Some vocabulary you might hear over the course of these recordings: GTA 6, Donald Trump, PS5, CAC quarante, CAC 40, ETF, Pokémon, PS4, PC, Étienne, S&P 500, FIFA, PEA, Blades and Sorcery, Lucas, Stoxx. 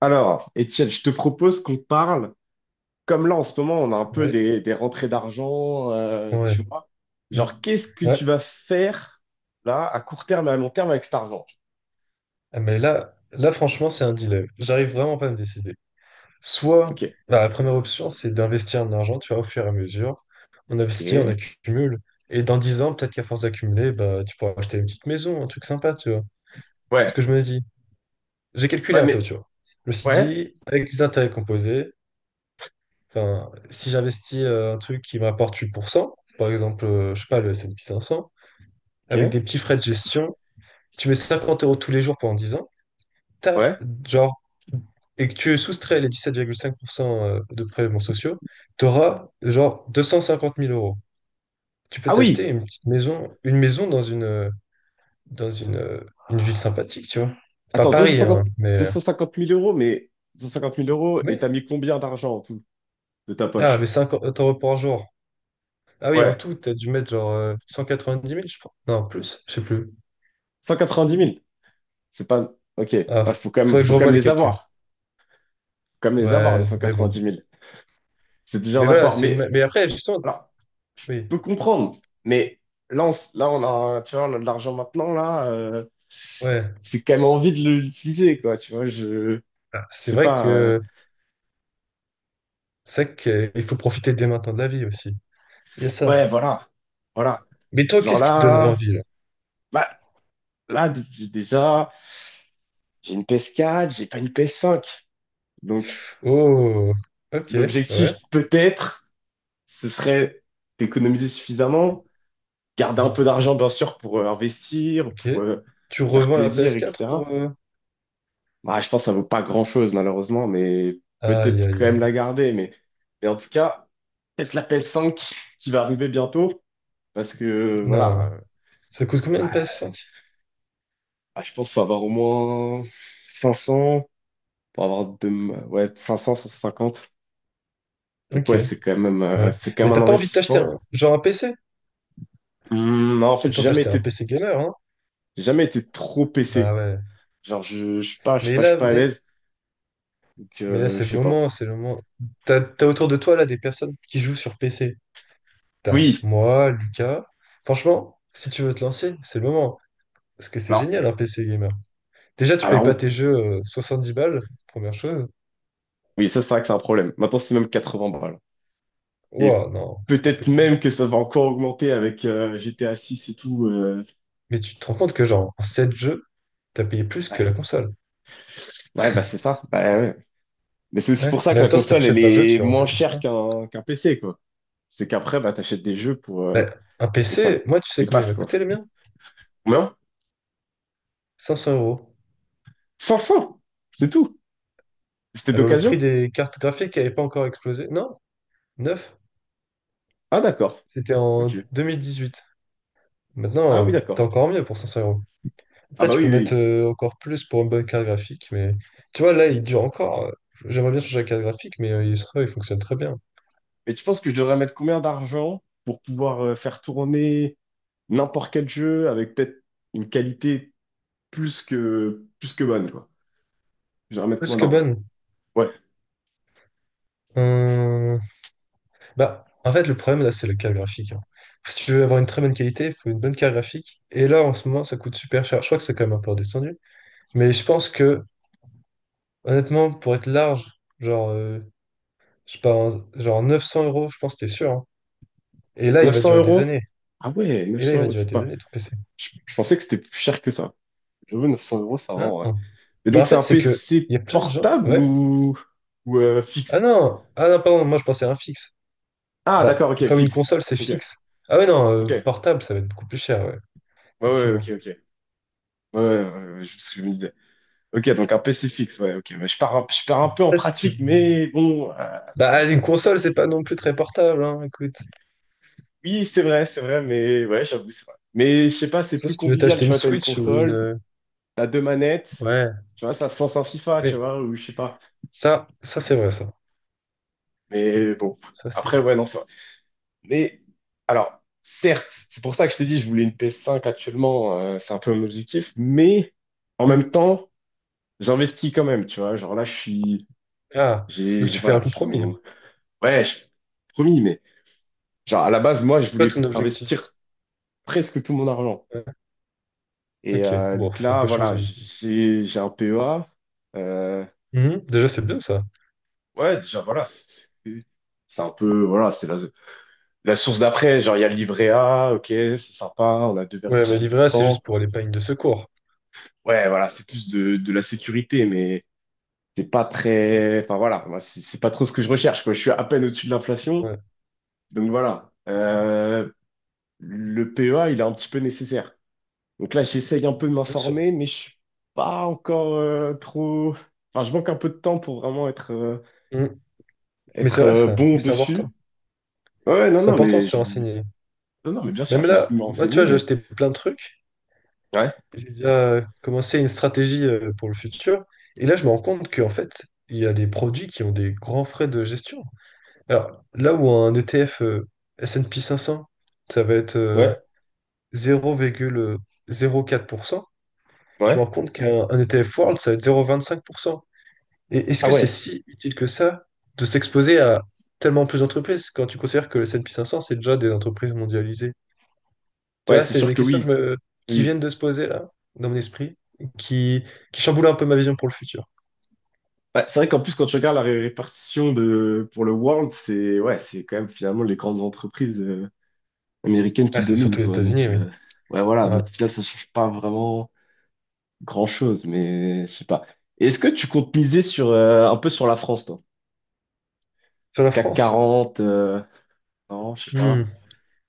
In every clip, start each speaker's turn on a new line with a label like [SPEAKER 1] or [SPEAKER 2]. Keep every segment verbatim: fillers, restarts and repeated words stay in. [SPEAKER 1] Alors, Étienne, je te propose qu'on parle, comme là en ce moment, on a un peu
[SPEAKER 2] Ouais,
[SPEAKER 1] des, des rentrées d'argent, euh,
[SPEAKER 2] ouais.
[SPEAKER 1] tu vois.
[SPEAKER 2] Mm.
[SPEAKER 1] Genre, qu'est-ce que
[SPEAKER 2] Ouais.
[SPEAKER 1] tu vas faire là, à court terme et à long terme avec cet argent?
[SPEAKER 2] Ah, Mais là, là, franchement, c'est un dilemme. J'arrive vraiment pas à me décider. Soit,
[SPEAKER 1] Ok,
[SPEAKER 2] bah, la première option, c'est d'investir en argent, tu vois, au fur et à mesure. On
[SPEAKER 1] ok,
[SPEAKER 2] investit, on accumule. Et dans dix ans, peut-être qu'à force d'accumuler, bah, tu pourras acheter une petite maison, un truc sympa, tu vois. Ce
[SPEAKER 1] ouais,
[SPEAKER 2] que je me dis. J'ai calculé
[SPEAKER 1] ouais,
[SPEAKER 2] un peu,
[SPEAKER 1] mais,
[SPEAKER 2] tu vois. Je me suis
[SPEAKER 1] ouais,
[SPEAKER 2] dit, avec les intérêts composés, enfin, si j'investis euh, un truc qui m'apporte huit pour cent, par exemple, euh, je sais pas, le S et P cinq cents, avec
[SPEAKER 1] ok,
[SPEAKER 2] des petits frais de gestion, tu mets cinquante euros tous les jours pendant dix ans, t'as-
[SPEAKER 1] ouais.
[SPEAKER 2] genre, et que tu soustrais les dix-sept virgule cinq pour cent euh, de prélèvements sociaux, tu auras genre deux cent cinquante mille euros. Tu peux
[SPEAKER 1] Ah
[SPEAKER 2] t'acheter
[SPEAKER 1] oui,
[SPEAKER 2] une petite maison, une maison dans une, euh, dans une, euh, une ville sympathique, tu vois. Pas
[SPEAKER 1] attends,
[SPEAKER 2] Paris, hein,
[SPEAKER 1] deux cent cinquante,
[SPEAKER 2] mais... euh,
[SPEAKER 1] 250 000 euros, mais 250 000 euros, et
[SPEAKER 2] Oui.
[SPEAKER 1] t'as mis combien d'argent en tout de ta
[SPEAKER 2] Ah, mais
[SPEAKER 1] poche?
[SPEAKER 2] cinquante euros par jour. Ah oui, en
[SPEAKER 1] Ouais,
[SPEAKER 2] tout, t'as dû mettre genre euh, dix mille je crois. Non, plus, je sais plus.
[SPEAKER 1] cent quatre-vingt-dix mille. C'est pas, ok,
[SPEAKER 2] Ah,
[SPEAKER 1] ouais,
[SPEAKER 2] f-
[SPEAKER 1] faut quand même,
[SPEAKER 2] faudrait que je
[SPEAKER 1] faut quand
[SPEAKER 2] revoie
[SPEAKER 1] même
[SPEAKER 2] les
[SPEAKER 1] les
[SPEAKER 2] calculs.
[SPEAKER 1] avoir. Faut quand même les avoir, les
[SPEAKER 2] Ouais, mais bon.
[SPEAKER 1] cent quatre-vingt-dix mille. C'est déjà un
[SPEAKER 2] Mais voilà,
[SPEAKER 1] apport,
[SPEAKER 2] c'est une... ma-
[SPEAKER 1] mais.
[SPEAKER 2] Mais après, justement,
[SPEAKER 1] Alors,
[SPEAKER 2] oui.
[SPEAKER 1] peux comprendre. Mais là, on, s- là, on a, tu vois, on a de l'argent maintenant, là. euh,
[SPEAKER 2] Ouais.
[SPEAKER 1] j'ai quand même envie de l'utiliser, quoi. Tu vois, je, je
[SPEAKER 2] Ah, C'est
[SPEAKER 1] sais
[SPEAKER 2] vrai
[SPEAKER 1] pas. euh,
[SPEAKER 2] que C'est vrai qu'il faut profiter dès maintenant de la vie aussi. Il y a ça.
[SPEAKER 1] ouais, voilà. Voilà.
[SPEAKER 2] Mais toi,
[SPEAKER 1] Genre
[SPEAKER 2] qu'est-ce qui te donnerait
[SPEAKER 1] là,
[SPEAKER 2] envie là?
[SPEAKER 1] bah, là, d- j'ai déjà, j'ai une P S quatre, j'ai pas une P S cinq. Donc,
[SPEAKER 2] Oh, ok, ouais.
[SPEAKER 1] l'objectif, peut-être, ce serait d'économiser suffisamment, garder un peu d'argent, bien sûr, pour euh, investir,
[SPEAKER 2] Ok.
[SPEAKER 1] pour euh,
[SPEAKER 2] Tu
[SPEAKER 1] se faire
[SPEAKER 2] revends la
[SPEAKER 1] plaisir,
[SPEAKER 2] P S quatre pour...
[SPEAKER 1] et cetera.
[SPEAKER 2] euh,
[SPEAKER 1] Bah, je pense que ça vaut pas grand-chose, malheureusement, mais
[SPEAKER 2] Aïe,
[SPEAKER 1] peut-être
[SPEAKER 2] aïe,
[SPEAKER 1] quand même
[SPEAKER 2] aïe.
[SPEAKER 1] la garder. Mais, mais en tout cas, peut-être la p cinq qui qui va arriver bientôt, parce que
[SPEAKER 2] Non.
[SPEAKER 1] voilà, euh,
[SPEAKER 2] Ça coûte combien une P S cinq?
[SPEAKER 1] bah, je pense qu'il faut avoir au moins cinq cents pour avoir de, ouais, cinq cents, cent cinquante. Donc
[SPEAKER 2] Ok,
[SPEAKER 1] ouais, c'est quand même, euh,
[SPEAKER 2] ouais.
[SPEAKER 1] c'est quand
[SPEAKER 2] Mais
[SPEAKER 1] même
[SPEAKER 2] t'as
[SPEAKER 1] un
[SPEAKER 2] pas envie de t'acheter
[SPEAKER 1] investissement.
[SPEAKER 2] un... Genre un P C?
[SPEAKER 1] Hum, non, en fait,
[SPEAKER 2] Autant
[SPEAKER 1] j'ai jamais
[SPEAKER 2] t'acheter un
[SPEAKER 1] été,
[SPEAKER 2] P C gamer, hein?
[SPEAKER 1] j'ai jamais été trop
[SPEAKER 2] Bah
[SPEAKER 1] P C.
[SPEAKER 2] ouais.
[SPEAKER 1] Genre, je, je sais pas, je sais
[SPEAKER 2] Mais
[SPEAKER 1] pas, je suis
[SPEAKER 2] là,
[SPEAKER 1] pas à
[SPEAKER 2] mais,
[SPEAKER 1] l'aise, donc
[SPEAKER 2] mais là,
[SPEAKER 1] euh,
[SPEAKER 2] c'est
[SPEAKER 1] je
[SPEAKER 2] le
[SPEAKER 1] sais pas.
[SPEAKER 2] moment, c'est le moment. T'as, t'as autour de toi, là, des personnes qui jouent sur P C. T'as
[SPEAKER 1] Oui,
[SPEAKER 2] moi, Lucas. Franchement, si tu veux te lancer, c'est le moment. Parce que c'est
[SPEAKER 1] alors,
[SPEAKER 2] génial, un P C gamer. Déjà, tu payes pas
[SPEAKER 1] alors
[SPEAKER 2] tes jeux euh, soixante-dix balles, première chose.
[SPEAKER 1] oui, ça c'est vrai que c'est un problème. Maintenant, c'est même quatre-vingts balles. Et
[SPEAKER 2] Ouah, non, c'est pas
[SPEAKER 1] peut-être
[SPEAKER 2] possible.
[SPEAKER 1] même que ça va encore augmenter avec euh, G T A six et tout. euh.
[SPEAKER 2] Mais tu te rends compte que, genre, en sept jeux, t'as payé plus
[SPEAKER 1] Ouais.
[SPEAKER 2] que la console.
[SPEAKER 1] Ouais, bah c'est ça. Bah, ouais. Mais c'est aussi pour
[SPEAKER 2] Ouais.
[SPEAKER 1] ça
[SPEAKER 2] Mais
[SPEAKER 1] que
[SPEAKER 2] en même
[SPEAKER 1] la
[SPEAKER 2] temps, si
[SPEAKER 1] console, elle
[SPEAKER 2] t'achètes un jeu,
[SPEAKER 1] est
[SPEAKER 2] tu
[SPEAKER 1] moins
[SPEAKER 2] rentabilises
[SPEAKER 1] chère
[SPEAKER 2] pas.
[SPEAKER 1] qu'un qu'un P C, quoi. C'est qu'après, bah, t'achètes des jeux pour... euh,
[SPEAKER 2] Mais un
[SPEAKER 1] et ça
[SPEAKER 2] P C, moi, tu sais combien il
[SPEAKER 1] dépasse,
[SPEAKER 2] m'a
[SPEAKER 1] quoi.
[SPEAKER 2] coûté le mien?
[SPEAKER 1] Non?
[SPEAKER 2] cinq cents euros.
[SPEAKER 1] cinq cents! C'est tout. C'était
[SPEAKER 2] Alors, le prix
[SPEAKER 1] d'occasion?
[SPEAKER 2] des cartes graphiques n'avait pas encore explosé. Non, neuf.
[SPEAKER 1] Ah, d'accord.
[SPEAKER 2] C'était en
[SPEAKER 1] Ok.
[SPEAKER 2] deux mille dix-huit.
[SPEAKER 1] Ah
[SPEAKER 2] Maintenant,
[SPEAKER 1] oui,
[SPEAKER 2] euh, t'as
[SPEAKER 1] d'accord.
[SPEAKER 2] encore mieux pour cinq cents euros.
[SPEAKER 1] Ah
[SPEAKER 2] Après,
[SPEAKER 1] bah
[SPEAKER 2] tu
[SPEAKER 1] oui,
[SPEAKER 2] peux
[SPEAKER 1] oui.
[SPEAKER 2] mettre
[SPEAKER 1] Oui.
[SPEAKER 2] euh, encore plus pour une bonne carte graphique, mais tu vois, là, il dure encore. euh, J'aimerais bien changer la carte graphique, mais euh, il, se- il fonctionne très bien.
[SPEAKER 1] Mais tu penses que je devrais mettre combien d'argent pour pouvoir euh, faire tourner n'importe quel jeu avec peut-être une qualité plus que, plus que bonne, quoi? Je devrais mettre
[SPEAKER 2] Plus
[SPEAKER 1] combien
[SPEAKER 2] que
[SPEAKER 1] d'argent?
[SPEAKER 2] bonne.
[SPEAKER 1] Ouais.
[SPEAKER 2] Euh, Bah, en fait, le problème là, c'est le carte graphique, hein. Si tu veux avoir une très bonne qualité, il faut une bonne carte graphique. Et là, en ce moment, ça coûte super cher. Je crois que c'est quand même un peu redescendu. Mais je pense que, honnêtement, pour être large, genre, euh, je sais pas, un- genre neuf cents euros, je pense que t'es sûr, hein. Et là, il va
[SPEAKER 1] 900
[SPEAKER 2] durer des
[SPEAKER 1] euros?
[SPEAKER 2] années.
[SPEAKER 1] Ah ouais,
[SPEAKER 2] Et là, il
[SPEAKER 1] 900
[SPEAKER 2] va
[SPEAKER 1] euros,
[SPEAKER 2] durer
[SPEAKER 1] c'est
[SPEAKER 2] des
[SPEAKER 1] pas.
[SPEAKER 2] années, tout P C.
[SPEAKER 1] Je, je pensais que c'était plus cher que ça. Je J'avoue, neuf cents euros, ça va,
[SPEAKER 2] Hein?
[SPEAKER 1] ouais. Et
[SPEAKER 2] Mais
[SPEAKER 1] donc,
[SPEAKER 2] en
[SPEAKER 1] c'est un
[SPEAKER 2] fait, c'est que,
[SPEAKER 1] P C
[SPEAKER 2] il y a plein de gens.
[SPEAKER 1] portable
[SPEAKER 2] Ouais.
[SPEAKER 1] ou, ou euh,
[SPEAKER 2] Ah
[SPEAKER 1] fixe?
[SPEAKER 2] non, ah non, pardon, moi, je pensais à un fixe.
[SPEAKER 1] Ah,
[SPEAKER 2] Bah,
[SPEAKER 1] d'accord, ok,
[SPEAKER 2] comme une
[SPEAKER 1] fixe.
[SPEAKER 2] console, c'est
[SPEAKER 1] Ok,
[SPEAKER 2] fixe. Ah ouais, non,
[SPEAKER 1] ok.
[SPEAKER 2] euh,
[SPEAKER 1] Ouais,
[SPEAKER 2] portable, ça va être beaucoup plus cher, ouais,
[SPEAKER 1] ouais, ok,
[SPEAKER 2] effectivement.
[SPEAKER 1] ok. Ouais, ouais, ouais, ouais, je- ce que je me disais. Ok, donc un P C fixe, ouais, ok. Mais je pars un, je pars un peu en
[SPEAKER 2] Après, si tu
[SPEAKER 1] pratique,
[SPEAKER 2] veux.
[SPEAKER 1] mais bon. euh,
[SPEAKER 2] Bah, une console, c'est pas non plus très portable, hein, écoute.
[SPEAKER 1] oui, c'est vrai, c'est vrai, mais ouais, j'avoue, c'est vrai. Mais je sais pas, c'est
[SPEAKER 2] Sauf
[SPEAKER 1] plus
[SPEAKER 2] si tu veux
[SPEAKER 1] convivial,
[SPEAKER 2] t'acheter
[SPEAKER 1] tu
[SPEAKER 2] une
[SPEAKER 1] vois, t'as une
[SPEAKER 2] Switch ou une.
[SPEAKER 1] console,
[SPEAKER 2] euh,
[SPEAKER 1] t'as deux manettes,
[SPEAKER 2] Ouais.
[SPEAKER 1] tu vois, ça se lance un FIFA, tu
[SPEAKER 2] Ouais.
[SPEAKER 1] vois, ou je sais pas.
[SPEAKER 2] Ça, ça c'est vrai, ça.
[SPEAKER 1] Mais bon,
[SPEAKER 2] Ça, c'est
[SPEAKER 1] après,
[SPEAKER 2] vrai.
[SPEAKER 1] ouais, non, c'est vrai. Mais alors, certes, c'est pour ça que je t'ai dit, je voulais une P S cinq actuellement, euh, c'est un peu mon objectif, mais en
[SPEAKER 2] Hmm.
[SPEAKER 1] même temps, j'investis quand même, tu vois. Genre là, je suis.
[SPEAKER 2] Ah,
[SPEAKER 1] J'ai,
[SPEAKER 2] donc
[SPEAKER 1] j'ai-
[SPEAKER 2] tu fais un
[SPEAKER 1] voilà, j'ai
[SPEAKER 2] compromis, hein.
[SPEAKER 1] mon. Ouais, je... promis, mais genre à la base, moi, je
[SPEAKER 2] C'est pas
[SPEAKER 1] voulais
[SPEAKER 2] ton
[SPEAKER 1] f-
[SPEAKER 2] objectif.
[SPEAKER 1] investir presque tout mon argent.
[SPEAKER 2] Ouais.
[SPEAKER 1] Et
[SPEAKER 2] Ok,
[SPEAKER 1] euh,
[SPEAKER 2] bon,
[SPEAKER 1] donc
[SPEAKER 2] c'est un
[SPEAKER 1] là,
[SPEAKER 2] peu
[SPEAKER 1] voilà,
[SPEAKER 2] changé, du coup.
[SPEAKER 1] j'ai j'ai un P E A. euh,
[SPEAKER 2] Mhm. Déjà, c'est bien ça.
[SPEAKER 1] Ouais, déjà, voilà, c'est c'est- c'est un peu. Voilà, c'est là. La source d'après, genre, il y a le livret A, ok, c'est sympa, on a
[SPEAKER 2] Ouais, mais l'ivraie, c'est
[SPEAKER 1] deux virgule cinq pour cent.
[SPEAKER 2] juste pour les pagnes de secours.
[SPEAKER 1] Ouais, voilà, c'est plus de, de la sécurité, mais c'est pas
[SPEAKER 2] Hmm.
[SPEAKER 1] très. Enfin, voilà, moi, c'est c'est pas trop ce que je recherche, quoi. Je suis à peine au-dessus de l'inflation,
[SPEAKER 2] Ouais,
[SPEAKER 1] donc voilà. Euh, le P E A, il est un petit peu nécessaire. Donc là, j'essaye un peu de
[SPEAKER 2] bien sûr.
[SPEAKER 1] m'informer, mais je suis pas encore euh, trop. Enfin, je manque un peu de temps pour vraiment être, euh,
[SPEAKER 2] Hmm. Mais c'est
[SPEAKER 1] être
[SPEAKER 2] vrai,
[SPEAKER 1] euh,
[SPEAKER 2] ça.
[SPEAKER 1] bon
[SPEAKER 2] Mais c'est important.
[SPEAKER 1] dessus. Ouais, non,
[SPEAKER 2] C'est
[SPEAKER 1] non,
[SPEAKER 2] important de
[SPEAKER 1] mais
[SPEAKER 2] se
[SPEAKER 1] je...
[SPEAKER 2] renseigner.
[SPEAKER 1] non, non, mais bien sûr,
[SPEAKER 2] Même
[SPEAKER 1] je vais essayer
[SPEAKER 2] là,
[SPEAKER 1] de me
[SPEAKER 2] moi, tu
[SPEAKER 1] renseigner,
[SPEAKER 2] vois, j'ai
[SPEAKER 1] mais.
[SPEAKER 2] acheté plein de trucs.
[SPEAKER 1] Ouais,
[SPEAKER 2] J'ai déjà commencé une stratégie euh, pour le futur. Et là, je me rends compte qu'en fait, il y a des produits qui ont des grands frais de gestion. Alors, là où un E T F euh, S et P cinq cents, ça va être euh,
[SPEAKER 1] ouais,
[SPEAKER 2] zéro virgule zéro quatre pour cent, je me rends
[SPEAKER 1] ouais.
[SPEAKER 2] compte qu'un un E T F World, ça va être zéro virgule vingt-cinq pour cent. Et est-ce
[SPEAKER 1] Ah
[SPEAKER 2] que c'est
[SPEAKER 1] ouais.
[SPEAKER 2] si utile que ça de s'exposer à tellement plus d'entreprises quand tu considères que le S et P cinq cents, c'est déjà des entreprises mondialisées? Tu
[SPEAKER 1] Ouais,
[SPEAKER 2] vois,
[SPEAKER 1] c'est
[SPEAKER 2] c'est
[SPEAKER 1] sûr
[SPEAKER 2] des
[SPEAKER 1] que
[SPEAKER 2] questions que je
[SPEAKER 1] oui.
[SPEAKER 2] me... qui
[SPEAKER 1] Oui.
[SPEAKER 2] viennent de se poser là, dans mon esprit, qui, qui chamboulent un peu ma vision pour le futur.
[SPEAKER 1] Bah, c'est vrai qu'en plus, quand tu regardes la ré- répartition de, pour le World, c'est ouais, c'est quand même finalement les grandes entreprises euh, américaines
[SPEAKER 2] Ah,
[SPEAKER 1] qui
[SPEAKER 2] c'est
[SPEAKER 1] dominent,
[SPEAKER 2] surtout les
[SPEAKER 1] quoi. Donc,
[SPEAKER 2] États-Unis, oui.
[SPEAKER 1] euh, ouais, voilà.
[SPEAKER 2] Ouais.
[SPEAKER 1] Donc, au final, ça change pas vraiment grand-chose, mais je sais pas. Et est-ce que tu comptes miser sur, euh, un peu sur la France, toi?
[SPEAKER 2] Sur la
[SPEAKER 1] CAC
[SPEAKER 2] France?
[SPEAKER 1] quarante euh, non, je sais pas.
[SPEAKER 2] Hmm.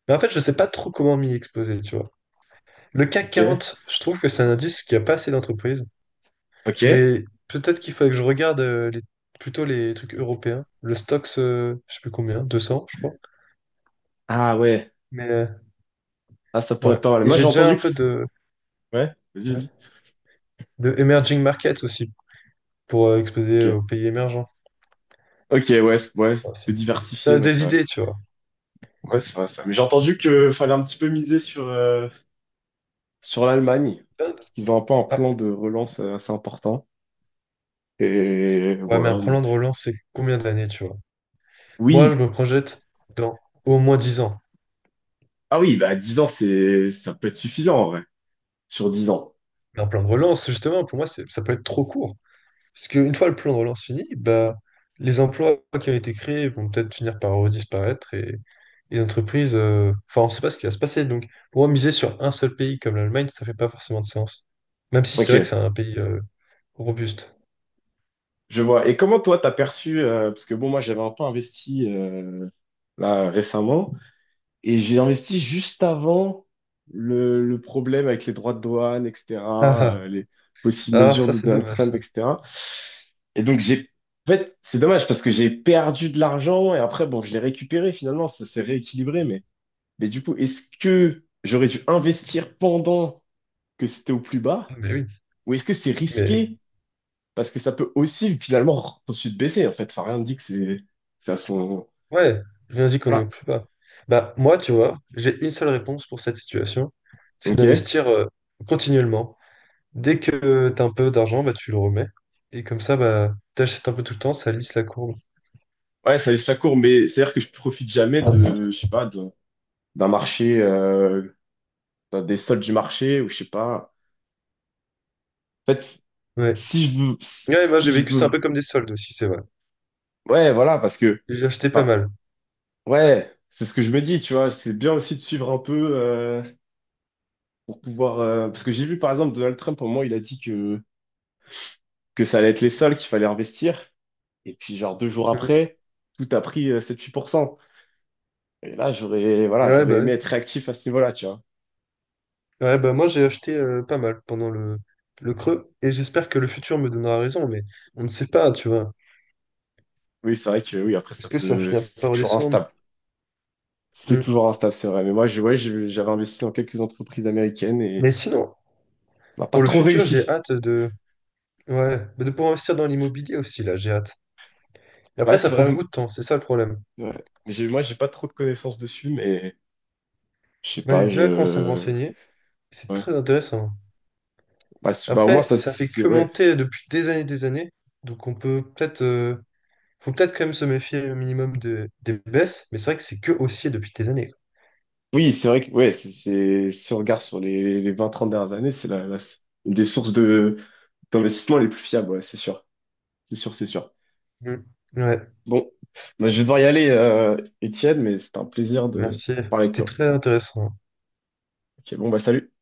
[SPEAKER 2] Mais en fait, je sais pas trop comment m'y exposer, tu vois. Le CAC
[SPEAKER 1] Ok.
[SPEAKER 2] quarante, je trouve que c'est un indice qui a pas assez d'entreprises,
[SPEAKER 1] Ok.
[SPEAKER 2] mais peut-être qu'il faudrait que je regarde euh, les... plutôt les trucs européens. Le Stoxx, euh, je sais plus combien, deux cents, je crois.
[SPEAKER 1] Ah ouais.
[SPEAKER 2] Mais euh,
[SPEAKER 1] Ah, ça pourrait
[SPEAKER 2] ouais.
[SPEAKER 1] être pas mal.
[SPEAKER 2] Et
[SPEAKER 1] Moi,
[SPEAKER 2] j'ai
[SPEAKER 1] j'ai
[SPEAKER 2] déjà
[SPEAKER 1] entendu
[SPEAKER 2] un
[SPEAKER 1] que.
[SPEAKER 2] peu de...
[SPEAKER 1] Ouais, vas-y,
[SPEAKER 2] ouais,
[SPEAKER 1] vas-y.
[SPEAKER 2] de emerging markets aussi pour euh,
[SPEAKER 1] Ok.
[SPEAKER 2] exposer aux pays émergents.
[SPEAKER 1] Ok, ouais, c- ouais,
[SPEAKER 2] Ouais, c'est
[SPEAKER 1] te
[SPEAKER 2] une idée. Ça
[SPEAKER 1] diversifier,
[SPEAKER 2] a
[SPEAKER 1] ouais,
[SPEAKER 2] des
[SPEAKER 1] ça.
[SPEAKER 2] idées, tu vois.
[SPEAKER 1] Ouais, c'est vrai ça. Mais j'ai entendu que fallait un petit peu miser sur, euh, sur l'Allemagne, parce qu'ils ont un peu un
[SPEAKER 2] Ah,
[SPEAKER 1] plan de relance euh, assez important. Et
[SPEAKER 2] ouais, mais
[SPEAKER 1] voilà,
[SPEAKER 2] un
[SPEAKER 1] donc.
[SPEAKER 2] plan de relance, c'est combien d'années, tu vois? Moi, je
[SPEAKER 1] Oui.
[SPEAKER 2] me projette dans au moins dix ans.
[SPEAKER 1] Ah oui, bah dix ans, c'est ça peut être suffisant en vrai. Sur dix ans.
[SPEAKER 2] Mais un plan de relance, justement, pour moi, c'est- ça peut être trop court. Parce qu'une fois le plan de relance fini, bah, les emplois qui ont été créés vont peut-être finir par disparaître et et les entreprises, euh, enfin, on ne sait pas ce qui va se passer. Donc, pour moi, miser sur un seul pays comme l'Allemagne, ça fait pas forcément de sens. Même si c'est
[SPEAKER 1] Ok,
[SPEAKER 2] vrai que c'est un pays euh, robuste.
[SPEAKER 1] je vois. Et comment toi t'as perçu, euh, parce que bon, moi j'avais un peu investi euh, là récemment. Et j'ai investi juste avant le, le problème avec les droits de douane,
[SPEAKER 2] Ah,
[SPEAKER 1] et cetera,
[SPEAKER 2] ah,
[SPEAKER 1] euh, les possibles
[SPEAKER 2] ah,
[SPEAKER 1] mesures
[SPEAKER 2] ça,
[SPEAKER 1] de
[SPEAKER 2] c'est
[SPEAKER 1] Donald
[SPEAKER 2] dommage,
[SPEAKER 1] Trump,
[SPEAKER 2] ça.
[SPEAKER 1] et cetera. Et donc, j'ai, en fait, c'est dommage parce que j'ai perdu de l'argent et après, bon, je l'ai récupéré finalement, ça s'est rééquilibré. Mais, mais du coup, est-ce que j'aurais dû investir pendant que c'était au plus bas
[SPEAKER 2] Ah, mais oui,
[SPEAKER 1] ou est-ce que c'est
[SPEAKER 2] mais
[SPEAKER 1] risqué parce que ça peut aussi finalement ensuite baisser en fait. Enfin, rien ne dit que c'est c'est à son.
[SPEAKER 2] Ouais, rien dit qu'on est
[SPEAKER 1] Voilà.
[SPEAKER 2] au plus bas. Bah, moi, tu vois, j'ai une seule réponse pour cette situation, c'est
[SPEAKER 1] Ok.
[SPEAKER 2] d'investir euh, continuellement. Dès que t'as un peu d'argent, bah, tu le remets. Et comme ça, bah, t'achètes un peu tout le temps, ça lisse la courbe.
[SPEAKER 1] Ouais, ça, ça court, mais c'est-à-dire que je profite jamais
[SPEAKER 2] Ah bon.
[SPEAKER 1] de, je sais pas, de- d'un marché, euh, d'un- des soldes du marché, ou je sais pas. En fait,
[SPEAKER 2] Ouais.
[SPEAKER 1] si je veux,
[SPEAKER 2] Ouais, moi,
[SPEAKER 1] si
[SPEAKER 2] j'ai
[SPEAKER 1] je
[SPEAKER 2] vécu ça un
[SPEAKER 1] veux,
[SPEAKER 2] peu comme des soldes aussi, c'est vrai.
[SPEAKER 1] ouais, voilà, parce que,
[SPEAKER 2] J'ai acheté pas
[SPEAKER 1] enfin,
[SPEAKER 2] mal.
[SPEAKER 1] ouais, c'est ce que je me dis, tu vois, c'est bien aussi de suivre un peu, euh, pour pouvoir, euh, parce que j'ai vu, par exemple, Donald Trump, au moment, il a dit que, que, ça allait être les soldes, qu'il fallait investir, et puis, genre, deux jours
[SPEAKER 2] Mhm.
[SPEAKER 1] après, tout a pris euh, sept-huit pour cent. Et là, j'aurais, voilà,
[SPEAKER 2] Ouais,
[SPEAKER 1] j'aurais
[SPEAKER 2] bah, ouais.
[SPEAKER 1] aimé être réactif à ce niveau-là, tu vois.
[SPEAKER 2] Ouais, bah, moi, j'ai acheté euh, pas mal pendant le, le creux. Et j'espère que le futur me donnera raison, mais on ne sait pas, tu vois.
[SPEAKER 1] Oui, c'est vrai que, oui, après,
[SPEAKER 2] Est-ce
[SPEAKER 1] ça
[SPEAKER 2] que ça
[SPEAKER 1] peut,
[SPEAKER 2] finira
[SPEAKER 1] c'est
[SPEAKER 2] par
[SPEAKER 1] toujours
[SPEAKER 2] redescendre?
[SPEAKER 1] instable. C'est
[SPEAKER 2] Mhm.
[SPEAKER 1] toujours un staff, c'est vrai. Mais moi, je, ouais, je- j'avais investi dans quelques entreprises américaines et
[SPEAKER 2] Mais sinon,
[SPEAKER 1] on n'a pas
[SPEAKER 2] pour le
[SPEAKER 1] trop
[SPEAKER 2] futur, j'ai
[SPEAKER 1] réussi.
[SPEAKER 2] hâte de... Ouais, mais de pouvoir investir dans l'immobilier aussi, là, j'ai hâte. Mais
[SPEAKER 1] Ouais,
[SPEAKER 2] après, ça
[SPEAKER 1] c'est
[SPEAKER 2] prend
[SPEAKER 1] vrai.
[SPEAKER 2] beaucoup de temps, c'est ça le problème.
[SPEAKER 1] Ouais. J'ai- Moi, j'ai pas trop de connaissances dessus, mais je sais
[SPEAKER 2] Moi, j'ai
[SPEAKER 1] pas,
[SPEAKER 2] déjà commencé à me
[SPEAKER 1] je.
[SPEAKER 2] renseigner, c'est
[SPEAKER 1] Ouais.
[SPEAKER 2] très intéressant.
[SPEAKER 1] Bah, c'est- bah, au moins,
[SPEAKER 2] Après,
[SPEAKER 1] ça,
[SPEAKER 2] ça fait
[SPEAKER 1] c'est.
[SPEAKER 2] que
[SPEAKER 1] Ouais.
[SPEAKER 2] monter depuis des années et des années, donc on peut peut-être... euh, faut peut-être quand même se méfier au minimum de- des baisses, mais c'est vrai que c'est que haussier depuis des années.
[SPEAKER 1] Oui, c'est vrai que, ouais, c'est, c'est- si on regarde sur les, les vingt trente dernières années, c'est la, la- une des sources de, d'investissement les plus fiables, ouais, c'est sûr. C'est sûr, c'est sûr.
[SPEAKER 2] Mm. Ouais,
[SPEAKER 1] Bon, bah, je vais devoir y aller, euh, Étienne, mais c'est un plaisir de
[SPEAKER 2] merci,
[SPEAKER 1] parler avec
[SPEAKER 2] c'était
[SPEAKER 1] toi.
[SPEAKER 2] très intéressant.
[SPEAKER 1] Ok, bon, bah, salut.